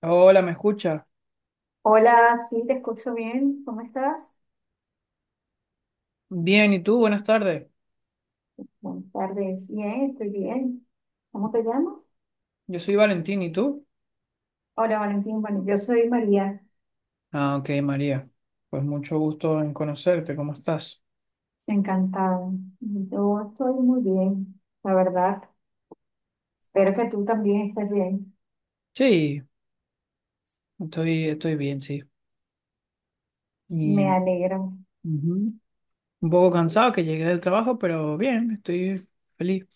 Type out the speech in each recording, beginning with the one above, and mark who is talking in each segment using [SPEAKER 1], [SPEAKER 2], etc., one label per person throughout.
[SPEAKER 1] Hola, ¿me escucha?
[SPEAKER 2] Hola, sí, te escucho bien. ¿Cómo estás?
[SPEAKER 1] Bien, ¿y tú? Buenas tardes.
[SPEAKER 2] Buenas tardes. Bien, estoy bien. ¿Cómo te llamas?
[SPEAKER 1] Yo soy Valentín, ¿y tú?
[SPEAKER 2] Hola, Valentín. Bueno, yo soy María.
[SPEAKER 1] Ah, ok, María. Pues mucho gusto en conocerte, ¿cómo estás?
[SPEAKER 2] Encantada. Yo estoy muy bien, la verdad. Espero que tú también estés bien.
[SPEAKER 1] Sí, estoy bien, sí. Y
[SPEAKER 2] Me alegro.
[SPEAKER 1] ujú, un poco cansado que llegué del trabajo, pero bien, estoy feliz.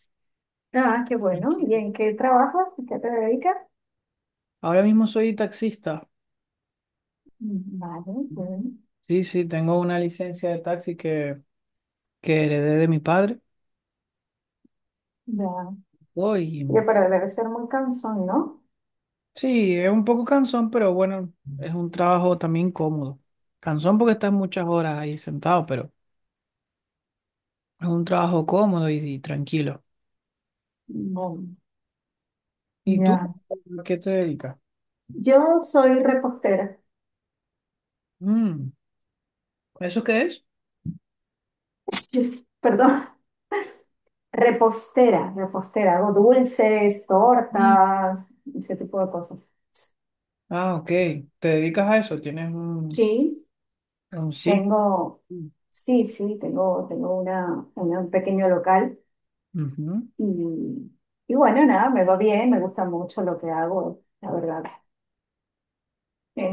[SPEAKER 2] Ah, qué bueno. ¿Y
[SPEAKER 1] Tranquilo.
[SPEAKER 2] en qué trabajas? ¿En qué te dedicas?
[SPEAKER 1] Ahora mismo soy taxista.
[SPEAKER 2] Mm, vale,
[SPEAKER 1] Ujú.
[SPEAKER 2] bueno.
[SPEAKER 1] Sí, sí, tengo una licencia de taxi que heredé de mi padre.
[SPEAKER 2] Ya. Oye,
[SPEAKER 1] Voy.
[SPEAKER 2] pero debe ser muy cansón, ¿no?
[SPEAKER 1] Sí, es un poco cansón, pero bueno, es un trabajo también cómodo. Cansón porque estás muchas horas ahí sentado, pero es un trabajo cómodo y tranquilo.
[SPEAKER 2] Bueno,
[SPEAKER 1] ¿Y tú
[SPEAKER 2] ya.
[SPEAKER 1] a qué te dedicas?
[SPEAKER 2] Yo soy repostera.
[SPEAKER 1] Mm, ¿eso qué es?
[SPEAKER 2] Sí, perdón. Repostera, hago dulces,
[SPEAKER 1] Mm.
[SPEAKER 2] tortas, ese tipo de cosas.
[SPEAKER 1] Ah, ok. ¿Te dedicas a eso? ¿Tienes
[SPEAKER 2] Sí,
[SPEAKER 1] un sitio?
[SPEAKER 2] tengo, sí, sí, tengo una, un pequeño local
[SPEAKER 1] Ujú.
[SPEAKER 2] y, y bueno, nada, me va bien, me gusta mucho lo que hago, la verdad. Eh,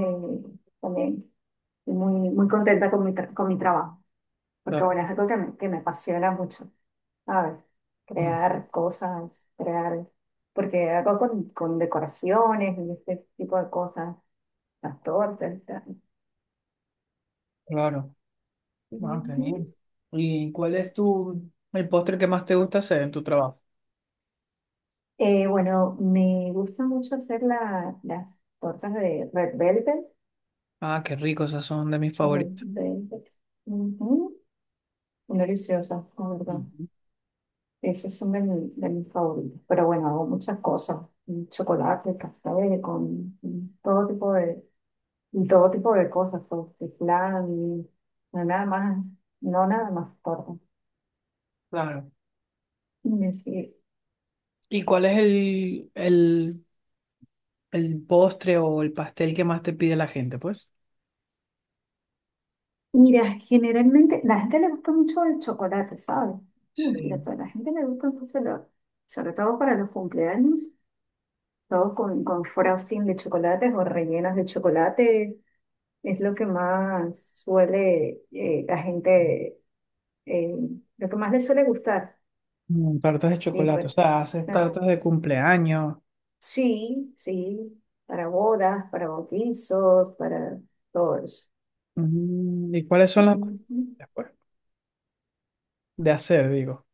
[SPEAKER 2] También estoy muy contenta con con mi trabajo, porque
[SPEAKER 1] Claro.
[SPEAKER 2] bueno, es algo que que me apasiona mucho. A ver,
[SPEAKER 1] Mm,
[SPEAKER 2] crear cosas, crear, porque hago con decoraciones y este tipo de cosas. Las tortas.
[SPEAKER 1] claro. Ah, qué
[SPEAKER 2] Ujú.
[SPEAKER 1] bien. ¿Y cuál es tu el postre que más te gusta hacer en tu trabajo?
[SPEAKER 2] Bueno, me gusta mucho hacer las tortas de Red Velvet.
[SPEAKER 1] Ah, qué rico, esas son de mis
[SPEAKER 2] Las Red
[SPEAKER 1] favoritos.
[SPEAKER 2] Velvet. Ujú. Son deliciosas, la verdad.
[SPEAKER 1] Ujú.
[SPEAKER 2] Esas son de mis favoritas. Pero bueno, hago muchas cosas. Con chocolate, café, con todo tipo de, y todo tipo de cosas. Todo, flan, no nada más, no nada más tortas.
[SPEAKER 1] Claro. ¿Y cuál es el el postre o el pastel que más te pide la gente, pues.
[SPEAKER 2] Mira, generalmente la gente le gusta mucho el chocolate, ¿sabes? Y mira,
[SPEAKER 1] Sí.
[SPEAKER 2] a la gente le gusta mucho, sobre todo para los cumpleaños, todo con frosting de chocolates o rellenos de chocolate, es lo que más suele la gente, eh, lo que más le suele gustar.
[SPEAKER 1] Mm, tartas de
[SPEAKER 2] Y
[SPEAKER 1] chocolate, o
[SPEAKER 2] pues,
[SPEAKER 1] sea, haces
[SPEAKER 2] ah,
[SPEAKER 1] tartas de cumpleaños.
[SPEAKER 2] sí, sí, para bodas, para bautizos, para todos.
[SPEAKER 1] Mm, ¿y cuáles son las
[SPEAKER 2] Ujú.
[SPEAKER 1] después de hacer, digo?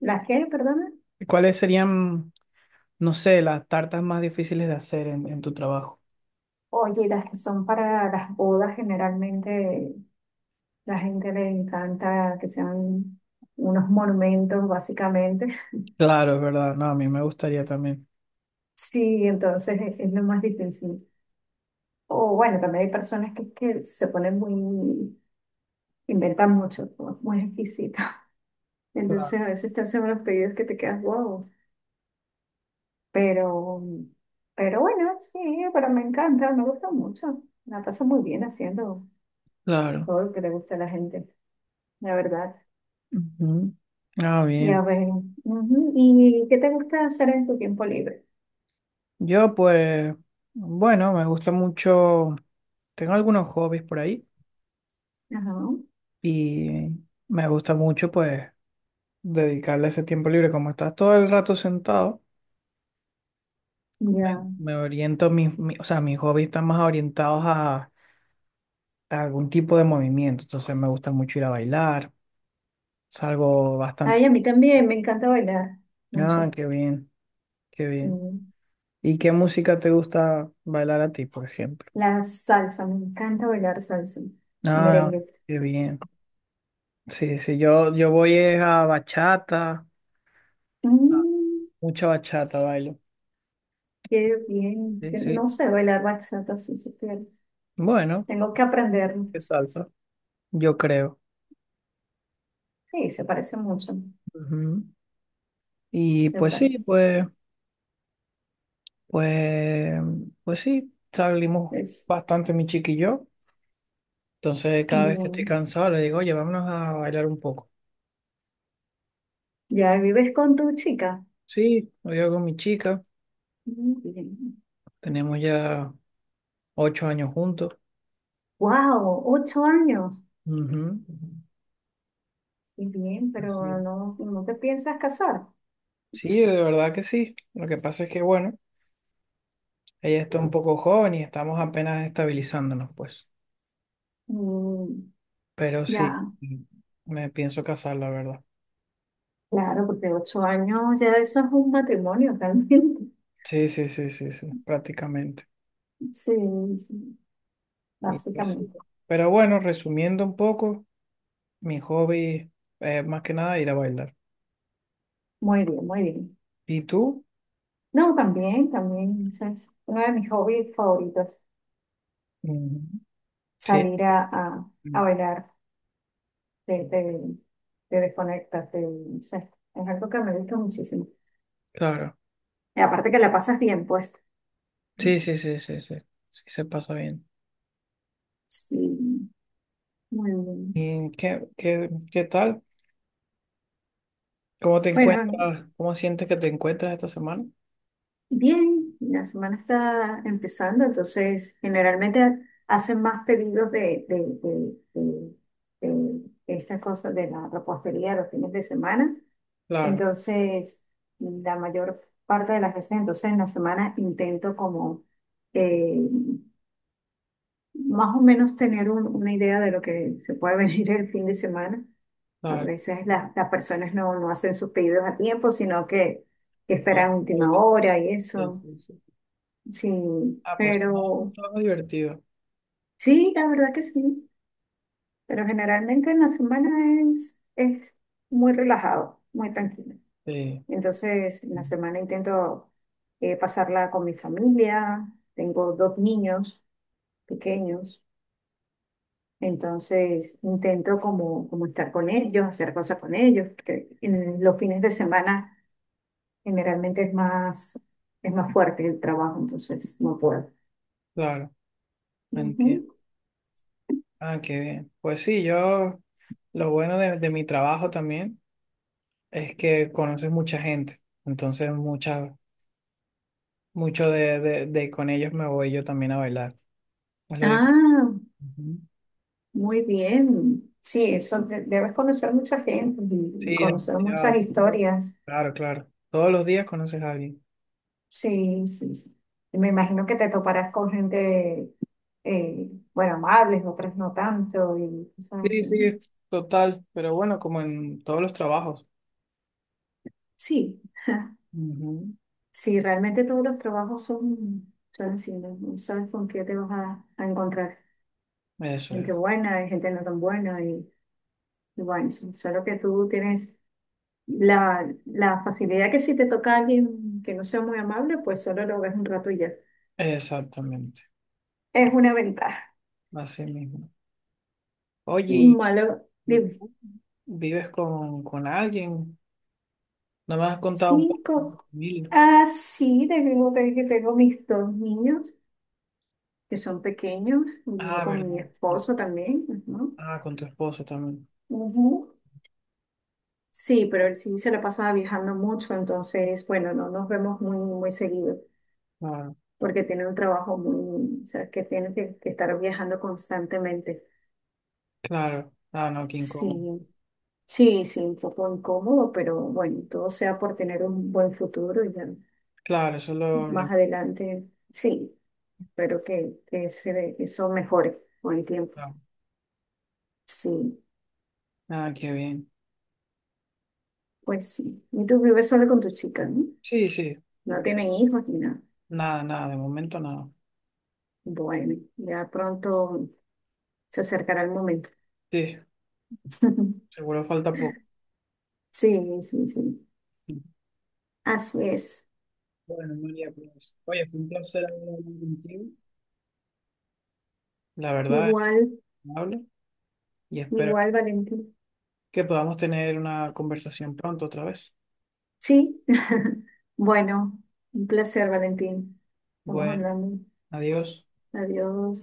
[SPEAKER 2] ¿Las qué, perdona?
[SPEAKER 1] ¿Y cuáles serían, no sé, las tartas más difíciles de hacer en tu trabajo?
[SPEAKER 2] Oye, las que son para las bodas, generalmente la gente le encanta que sean unos monumentos, básicamente.
[SPEAKER 1] Claro, es verdad. No, a mí me gustaría también.
[SPEAKER 2] Sí, entonces es lo más difícil. O bueno, también hay personas que se ponen muy, inventan mucho, ¿no? Muy exquisito.
[SPEAKER 1] Claro.
[SPEAKER 2] Entonces a veces te hacen unos pedidos que te quedas wow. Pero, pero bueno, sí, pero me encanta, me gusta mucho. La paso muy bien haciendo
[SPEAKER 1] Claro.
[SPEAKER 2] todo lo que le gusta a la gente, la verdad.
[SPEAKER 1] Ujú. Ah,
[SPEAKER 2] Ya
[SPEAKER 1] bien.
[SPEAKER 2] veo. Ujú. ¿Y qué te gusta hacer en tu tiempo libre?
[SPEAKER 1] Yo, pues, bueno, me gusta mucho. Tengo algunos hobbies por ahí
[SPEAKER 2] Ajá.
[SPEAKER 1] y me gusta mucho, pues, dedicarle ese tiempo libre. Como estás todo el rato sentado,
[SPEAKER 2] Ya.
[SPEAKER 1] me oriento, mis, mi- o sea, mis hobbies están más orientados a algún tipo de movimiento. Entonces me gusta mucho ir a bailar, salgo bastante.
[SPEAKER 2] Ay, a mí también me encanta bailar
[SPEAKER 1] Ah,
[SPEAKER 2] mucho.
[SPEAKER 1] qué bien, qué bien.
[SPEAKER 2] Mm.
[SPEAKER 1] ¿Y qué música te gusta bailar a ti, por ejemplo?
[SPEAKER 2] La salsa, me encanta bailar salsa.
[SPEAKER 1] Ah,
[SPEAKER 2] Merengue.
[SPEAKER 1] qué bien. Sí, sí, yo voy es a bachata, a
[SPEAKER 2] Mm,
[SPEAKER 1] mucha bachata bailo.
[SPEAKER 2] qué bien.
[SPEAKER 1] Sí,
[SPEAKER 2] Yo
[SPEAKER 1] sí.
[SPEAKER 2] no sé bailar bachata, si supieras.
[SPEAKER 1] Bueno,
[SPEAKER 2] Tengo que aprender.
[SPEAKER 1] qué salsa, yo creo.
[SPEAKER 2] Sí, se parece mucho.
[SPEAKER 1] Ujú. Y
[SPEAKER 2] Se
[SPEAKER 1] pues sí,
[SPEAKER 2] parece.
[SPEAKER 1] pues. Pues, pues sí, salimos
[SPEAKER 2] Es
[SPEAKER 1] bastante mi chiqui y yo. Entonces, cada vez que estoy
[SPEAKER 2] bien.
[SPEAKER 1] cansado, le digo, oye, vámonos a bailar un poco.
[SPEAKER 2] ¿Ya vives con tu chica?
[SPEAKER 1] Sí, lo digo con mi chica.
[SPEAKER 2] Mm, bien.
[SPEAKER 1] Tenemos ya 8 años juntos.
[SPEAKER 2] Wow, 8 años.
[SPEAKER 1] Ujú.
[SPEAKER 2] Qué bien,
[SPEAKER 1] Así
[SPEAKER 2] pero
[SPEAKER 1] es.
[SPEAKER 2] no, no te piensas casar.
[SPEAKER 1] Sí, de verdad que sí. Lo que pasa es que, bueno, ella está un poco joven y estamos apenas estabilizándonos, pues.
[SPEAKER 2] Mm,
[SPEAKER 1] Pero sí,
[SPEAKER 2] ya,
[SPEAKER 1] me pienso casar, la verdad.
[SPEAKER 2] claro, porque 8 años ya eso es un matrimonio realmente.
[SPEAKER 1] Sí, sí, sí, sí, sí, prácticamente.
[SPEAKER 2] Sí, sí,
[SPEAKER 1] Y pues sí.
[SPEAKER 2] básicamente.
[SPEAKER 1] Pero bueno, resumiendo un poco. Mi hobby es más que nada ir a bailar.
[SPEAKER 2] Muy bien, muy bien.
[SPEAKER 1] ¿Y tú?
[SPEAKER 2] No, también, también, eso es uno de mis hobbies favoritos,
[SPEAKER 1] Mm. Sí,
[SPEAKER 2] salir a
[SPEAKER 1] mm,
[SPEAKER 2] bailar, te de desconectarte, no sé, es algo que me gusta muchísimo.
[SPEAKER 1] claro.
[SPEAKER 2] Y aparte que la pasas bien, pues.
[SPEAKER 1] Sí, sí, sí, sí, sí. Sí, se pasa bien.
[SPEAKER 2] Sí, muy bien.
[SPEAKER 1] ¿Y qué, qué, qué tal? ¿Cómo te
[SPEAKER 2] Bueno,
[SPEAKER 1] encuentras? ¿Cómo sientes que te encuentras esta semana?
[SPEAKER 2] bien, la semana está empezando, entonces generalmente hacen más pedidos de- de- de estas cosas de la repostería los fines de semana.
[SPEAKER 1] Claro,
[SPEAKER 2] Entonces, la mayor parte de las veces, entonces en la semana intento como eh, más o menos tener una idea de lo que se puede venir el fin de semana. A
[SPEAKER 1] claro.
[SPEAKER 2] veces las personas no, no hacen sus pedidos a tiempo, sino que
[SPEAKER 1] Claro.
[SPEAKER 2] esperan
[SPEAKER 1] Hoy
[SPEAKER 2] última hora y
[SPEAKER 1] sí,
[SPEAKER 2] eso.
[SPEAKER 1] sí, sí.
[SPEAKER 2] Sí,
[SPEAKER 1] Ah, pues no, es un
[SPEAKER 2] pero
[SPEAKER 1] trabajo divertido.
[SPEAKER 2] sí, la verdad que sí. Pero generalmente en la semana es muy relajado, muy tranquilo.
[SPEAKER 1] Sí,
[SPEAKER 2] Entonces, en la
[SPEAKER 1] mm,
[SPEAKER 2] semana intento pasarla con mi familia. Tengo dos niños pequeños. Entonces, intento como estar con ellos, hacer cosas con ellos. Porque en los fines de semana generalmente es más fuerte el trabajo, entonces no puedo.
[SPEAKER 1] claro, entiendo.
[SPEAKER 2] Ujú.
[SPEAKER 1] Ah, qué bien. Pues sí, yo, lo bueno de mi trabajo también es que conoces mucha gente. Entonces, muchas mucho de con ellos me voy yo también a bailar. Es lo divertido.
[SPEAKER 2] Ah,
[SPEAKER 1] Ujú.
[SPEAKER 2] muy bien. Sí, debes conocer mucha gente y
[SPEAKER 1] Sí,
[SPEAKER 2] conocer muchas
[SPEAKER 1] demasiado. Todo.
[SPEAKER 2] historias.
[SPEAKER 1] Claro, claro. Todos los días conoces a alguien.
[SPEAKER 2] Sí, sí, sí. Y me imagino que te toparás con gente, bueno, amables, otras no tanto y cosas
[SPEAKER 1] Sí,
[SPEAKER 2] así, ¿no?
[SPEAKER 1] sí, total. Pero bueno, como en todos los trabajos.
[SPEAKER 2] Sí,
[SPEAKER 1] Ujú.
[SPEAKER 2] sí, realmente todos los trabajos son, son así, ¿no? No sabes con qué te vas a encontrar.
[SPEAKER 1] Eso
[SPEAKER 2] Gente
[SPEAKER 1] es.
[SPEAKER 2] buena, y gente no tan buena y bueno, sí, solo que tú tienes. La facilidad que si te toca a alguien que no sea muy amable, pues solo lo ves un rato y ya.
[SPEAKER 1] Exactamente.
[SPEAKER 2] Es una ventaja.
[SPEAKER 1] Así mismo. Oye,
[SPEAKER 2] Malo,
[SPEAKER 1] y
[SPEAKER 2] dime.
[SPEAKER 1] tú vives con alguien? No me has contado un poco de tu
[SPEAKER 2] Cinco.
[SPEAKER 1] familia.
[SPEAKER 2] Ah, sí, tengo que tengo mis dos niños que son pequeños. Vivo
[SPEAKER 1] Ah,
[SPEAKER 2] con mi
[SPEAKER 1] verdad.
[SPEAKER 2] esposo también, ¿no?
[SPEAKER 1] Ah, con tu esposo también.
[SPEAKER 2] Ujú. Sí, pero él sí se la pasa viajando mucho, entonces, bueno, no nos vemos muy seguido,
[SPEAKER 1] Claro,
[SPEAKER 2] porque tiene un trabajo muy, o sea, que tiene que estar viajando constantemente.
[SPEAKER 1] claro. Ah, no, qué incómodo.
[SPEAKER 2] Sí. Sí, sí, un poco incómodo, pero bueno, todo sea por tener un buen futuro y ya
[SPEAKER 1] Claro, eso lo...
[SPEAKER 2] más adelante, sí, espero que eso mejore con el tiempo.
[SPEAKER 1] lo.
[SPEAKER 2] Sí,
[SPEAKER 1] Ah, qué bien.
[SPEAKER 2] pues sí. Y tú vives solo con tu chica, ¿no?
[SPEAKER 1] Sí, sí.
[SPEAKER 2] No
[SPEAKER 1] No,
[SPEAKER 2] tienen hijos ni nada.
[SPEAKER 1] nada, nada, de momento nada.
[SPEAKER 2] Bueno, ya pronto se acercará el momento.
[SPEAKER 1] Sí, seguro falta poco.
[SPEAKER 2] Sí, sí, sí. Así es.
[SPEAKER 1] Bueno, María, pues, oye, fue un placer haber hablado contigo. La verdad, es
[SPEAKER 2] Igual,
[SPEAKER 1] agradable y espero
[SPEAKER 2] igual, Valentín.
[SPEAKER 1] que podamos tener una conversación pronto otra vez.
[SPEAKER 2] Sí. Bueno, un placer, Valentín. Estamos
[SPEAKER 1] Bueno,
[SPEAKER 2] hablando.
[SPEAKER 1] adiós.
[SPEAKER 2] Adiós.